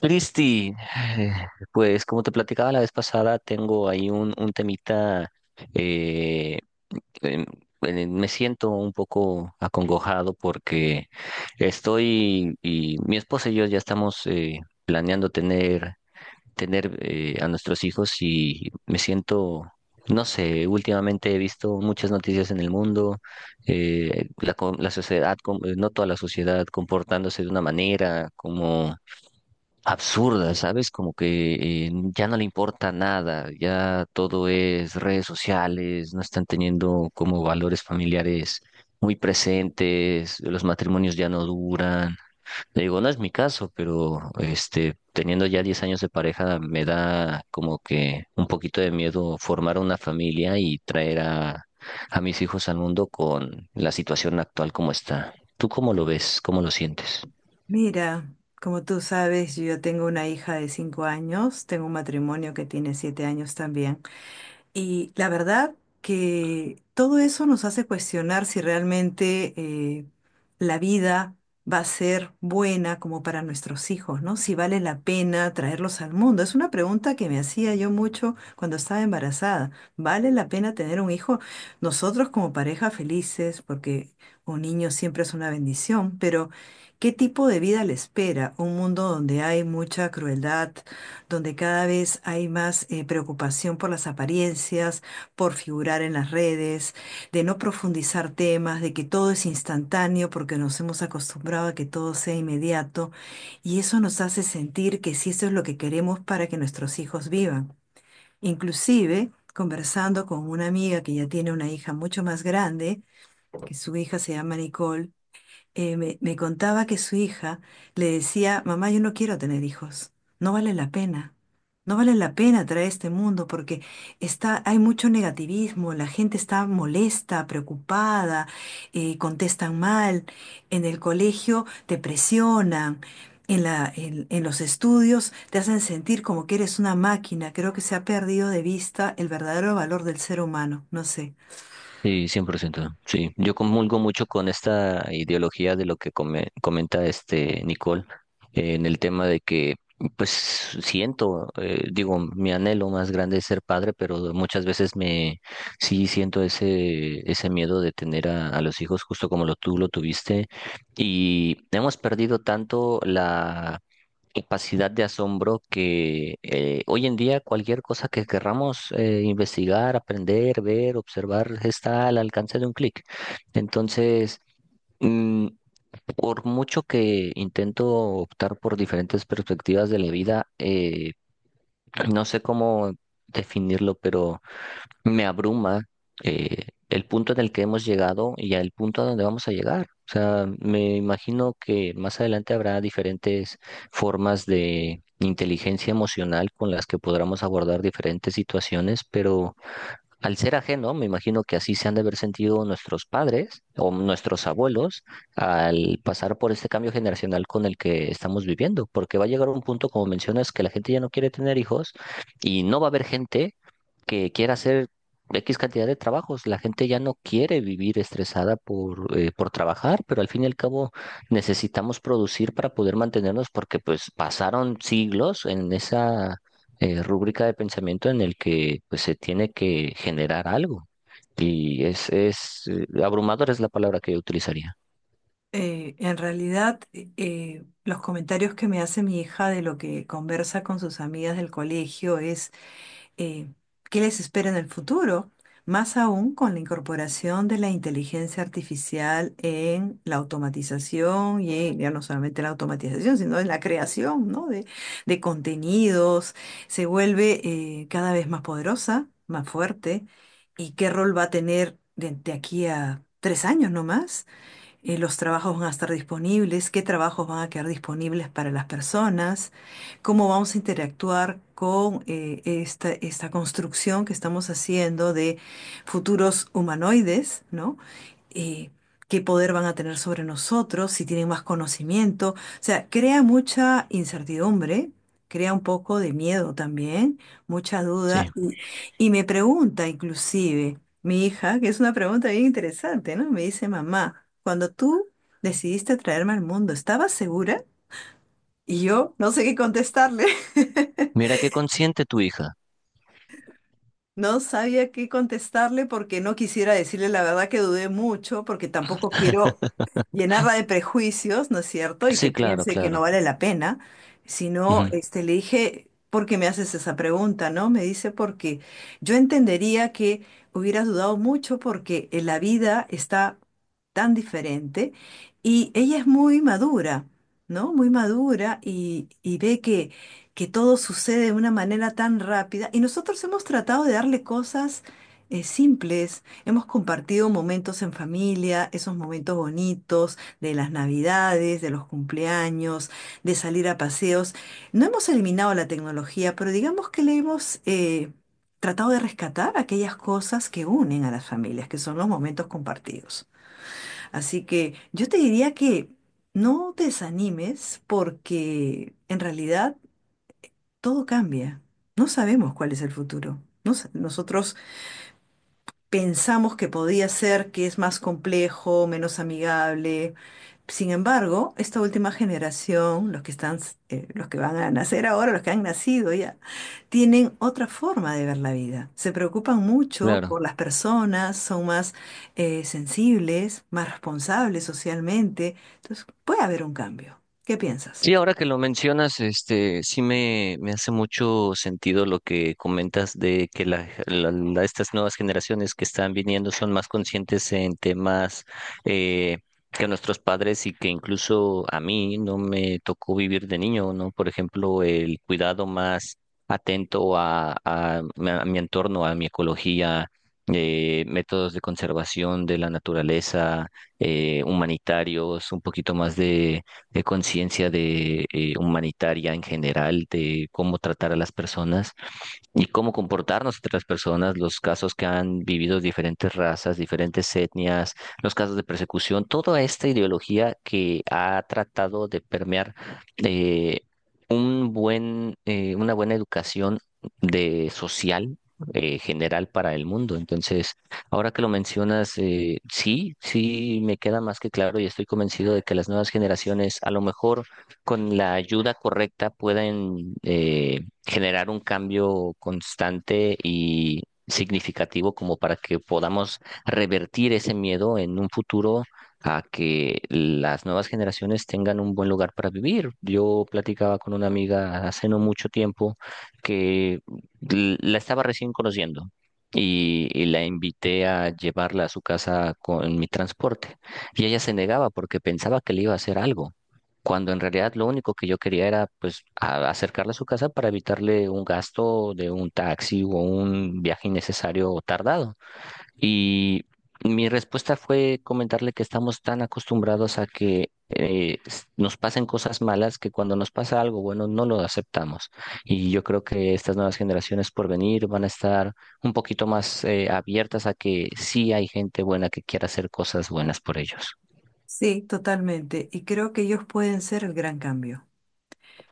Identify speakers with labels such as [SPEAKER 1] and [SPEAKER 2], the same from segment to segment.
[SPEAKER 1] Cristi, eh, pues como te platicaba la vez pasada, tengo ahí un temita, eh, em, me siento un poco acongojado porque estoy, y mi esposa y yo ya estamos planeando tener a nuestros hijos y me siento, no sé, últimamente he visto muchas noticias en el mundo, la sociedad, no toda la sociedad comportándose de una manera, como absurda, ¿sabes? Como que ya no le importa nada, ya todo es redes sociales, no están teniendo como valores familiares muy presentes, los matrimonios ya no duran. Le digo, no es mi caso, pero este, teniendo ya 10 años de pareja, me da como que un poquito de miedo formar una familia y traer a mis hijos al mundo con la situación actual como está. ¿Tú cómo lo ves? ¿Cómo lo sientes?
[SPEAKER 2] Mira, como tú sabes, yo tengo una hija de 5 años, tengo un matrimonio que tiene 7 años también. Y la verdad que todo eso nos hace cuestionar si realmente la vida va a ser buena como para nuestros hijos, ¿no? Si vale la pena traerlos al mundo. Es una pregunta que me hacía yo mucho cuando estaba embarazada. ¿Vale la pena tener un hijo? Nosotros como pareja felices, porque un niño siempre es una bendición, pero ¿qué tipo de vida le espera? Un mundo donde hay mucha crueldad, donde cada vez hay más preocupación por las apariencias, por figurar en las redes, de no profundizar temas, de que todo es instantáneo porque nos hemos acostumbrado a que todo sea inmediato y eso nos hace sentir que sí, eso es lo que queremos para que nuestros hijos vivan. Inclusive, conversando con una amiga que ya tiene una hija mucho más grande, que su hija se llama Nicole, me contaba que su hija le decía, mamá, yo no quiero tener hijos, no vale la pena, no vale la pena traer este mundo porque hay mucho negativismo, la gente está molesta, preocupada, contestan mal, en el colegio te presionan. En los estudios te hacen sentir como que eres una máquina. Creo que se ha perdido de vista el verdadero valor del ser humano. No sé.
[SPEAKER 1] Sí, 100%. Sí, yo comulgo mucho con esta ideología de lo que comenta este Nicole, en el tema de que, pues siento, digo, mi anhelo más grande es ser padre, pero muchas veces me sí siento ese miedo de tener a los hijos justo como lo tú lo tuviste y hemos perdido tanto la capacidad de asombro que hoy en día cualquier cosa que querramos investigar, aprender, ver, observar está al alcance de un clic. Entonces, mm, por mucho que intento optar por diferentes perspectivas de la vida, no sé cómo definirlo, pero me abruma el punto en el que hemos llegado y el punto a donde vamos a llegar. O sea, me imagino que más adelante habrá diferentes formas de inteligencia emocional con las que podremos abordar diferentes situaciones, pero... Al ser ajeno, me imagino que así se han de haber sentido nuestros padres o nuestros abuelos al pasar por este cambio generacional con el que estamos viviendo, porque va a llegar un punto, como mencionas, que la gente ya no quiere tener hijos y no va a haber gente que quiera hacer X cantidad de trabajos. La gente ya no quiere vivir estresada por trabajar, pero al fin y al cabo necesitamos producir para poder mantenernos porque pues pasaron siglos en esa rúbrica de pensamiento en el que pues, se tiene que generar algo. Y es, abrumador es la palabra que yo utilizaría.
[SPEAKER 2] En realidad, los comentarios que me hace mi hija de lo que conversa con sus amigas del colegio es eh, qué les espera en el futuro, más aún con la incorporación de la inteligencia artificial en la automatización y ya no solamente la automatización, sino en la creación, ¿no? De contenidos, se vuelve cada vez más poderosa, más fuerte, y qué rol va a tener de aquí a 3 años nomás, los trabajos van a estar disponibles, qué trabajos van a quedar disponibles para las personas, cómo vamos a interactuar con esta construcción que estamos haciendo de futuros humanoides, ¿no? Eh, qué poder van a tener sobre nosotros, si tienen más conocimiento. O sea, crea mucha incertidumbre, crea un poco de miedo también, mucha duda.
[SPEAKER 1] Sí.
[SPEAKER 2] Y me pregunta inclusive. Mi hija, que es una pregunta bien interesante, ¿no? Me dice, mamá, cuando tú decidiste traerme al mundo, ¿estabas segura? Y yo no sé qué contestarle.
[SPEAKER 1] Mira qué consciente tu hija.
[SPEAKER 2] No sabía qué contestarle porque no quisiera decirle la verdad que dudé mucho, porque tampoco quiero llenarla de prejuicios, ¿no es cierto? Y que
[SPEAKER 1] Sí, claro,
[SPEAKER 2] piense que
[SPEAKER 1] claro.
[SPEAKER 2] no vale la pena, sino
[SPEAKER 1] Ujú.
[SPEAKER 2] este, le dije, ¿por qué me haces esa pregunta, no? Me dice, porque yo entendería que hubieras dudado mucho porque en la vida está tan diferente y ella es muy madura, ¿no? Muy madura y ve que todo sucede de una manera tan rápida y nosotros hemos tratado de darle cosas simples, hemos compartido momentos en familia, esos momentos bonitos de las navidades, de los cumpleaños, de salir a paseos. No hemos eliminado la tecnología, pero digamos que le hemos tratado de rescatar aquellas cosas que unen a las familias, que son los momentos compartidos. Así que yo te diría que no te desanimes porque en realidad todo cambia. No sabemos cuál es el futuro. Nosotros pensamos que podía ser que es más complejo, menos amigable. Sin embargo, esta última generación, los que están, los que van a nacer ahora, los que han nacido ya, tienen otra forma de ver la vida. Se preocupan mucho
[SPEAKER 1] Claro.
[SPEAKER 2] por las personas, son más sensibles, más responsables socialmente. Entonces, puede haber un cambio. ¿Qué piensas?
[SPEAKER 1] Sí, ahora que lo mencionas, este, me hace mucho sentido lo que comentas de que estas nuevas generaciones que están viniendo son más conscientes en temas eh, que nuestros padres y que incluso a mí no me tocó vivir de niño, ¿no? Por ejemplo, el cuidado más atento a mi entorno, a mi ecología, métodos de conservación de la naturaleza, humanitarios, un poquito más de conciencia de humanitaria en general, de cómo tratar a las personas y cómo comportarnos entre las personas, los casos que han vivido diferentes razas, diferentes etnias, los casos de persecución, toda esta ideología que ha tratado de permear eh, una buena educación de social general para el mundo. Entonces, ahora que lo mencionas, sí, sí me queda más que claro y estoy convencido de que las nuevas generaciones, a lo mejor con la ayuda correcta, pueden generar un cambio constante y significativo como para que podamos revertir ese miedo en un futuro a que las nuevas generaciones tengan un buen lugar para vivir. Yo platicaba con una amiga hace no mucho tiempo que la estaba recién conociendo y la invité a llevarla a su casa con mi transporte. Y ella se negaba porque pensaba que le iba a hacer algo, cuando en realidad lo único que yo quería era pues acercarla a su casa para evitarle un gasto de un taxi o un viaje innecesario o tardado. Y mi respuesta fue comentarle que estamos tan acostumbrados a que nos pasen cosas malas que cuando nos pasa algo bueno no lo aceptamos. Y yo creo que estas nuevas generaciones por venir van a estar un poquito más abiertas a que sí hay gente buena que quiera hacer cosas buenas por ellos.
[SPEAKER 2] Sí, totalmente. Y creo que ellos pueden ser el gran cambio.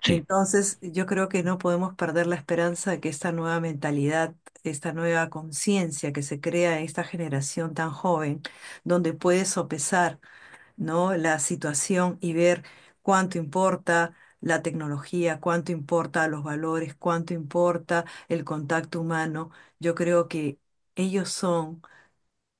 [SPEAKER 1] Sí,
[SPEAKER 2] Entonces, yo creo que no podemos perder la esperanza de que esta nueva mentalidad, esta nueva conciencia que se crea en esta generación tan joven, donde puede sopesar, ¿no? la situación y ver cuánto importa la tecnología, cuánto importa los valores, cuánto importa el contacto humano, yo creo que ellos son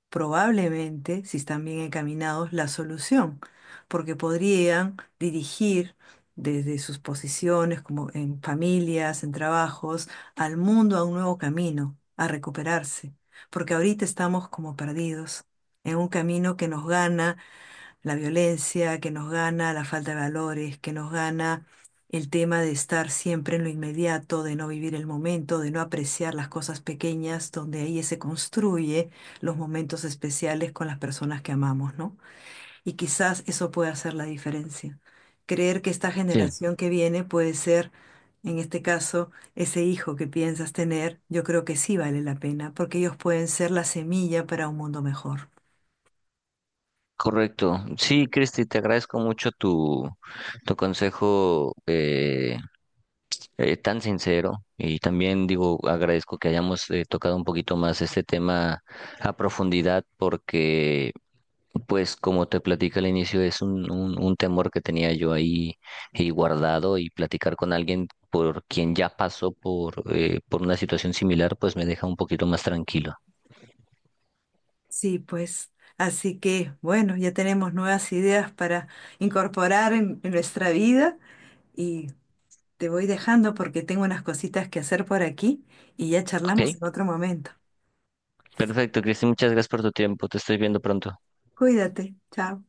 [SPEAKER 2] probablemente, si están bien encaminados, la solución, porque podrían dirigir desde sus posiciones, como en familias, en trabajos, al mundo a un nuevo camino, a recuperarse, porque ahorita estamos como perdidos en un camino que nos gana la violencia que nos gana, la falta de valores que nos gana, el tema de estar siempre en lo inmediato, de no vivir el momento, de no apreciar las cosas pequeñas, donde ahí se construye los momentos especiales con las personas que amamos, ¿no? Y quizás eso puede hacer la diferencia. Creer que esta
[SPEAKER 1] sí.
[SPEAKER 2] generación que viene puede ser, en este caso, ese hijo que piensas tener, yo creo que sí vale la pena, porque ellos pueden ser la semilla para un mundo mejor.
[SPEAKER 1] Correcto. Sí, Cristi, te agradezco mucho tu, tu consejo. Tan sincero y también digo, agradezco que hayamos tocado un poquito más este tema a profundidad porque, pues como te platicé al inicio, es un temor que tenía yo ahí guardado y platicar con alguien por quien ya pasó por una situación similar, pues me deja un poquito más tranquilo.
[SPEAKER 2] Sí, pues, así que bueno, ya tenemos nuevas ideas para incorporar en nuestra vida y te voy dejando porque tengo unas cositas que hacer por aquí y ya charlamos
[SPEAKER 1] ¿Ok?
[SPEAKER 2] en otro momento.
[SPEAKER 1] Perfecto, Cristi, muchas gracias por tu tiempo. Te estoy viendo pronto.
[SPEAKER 2] Cuídate, chao.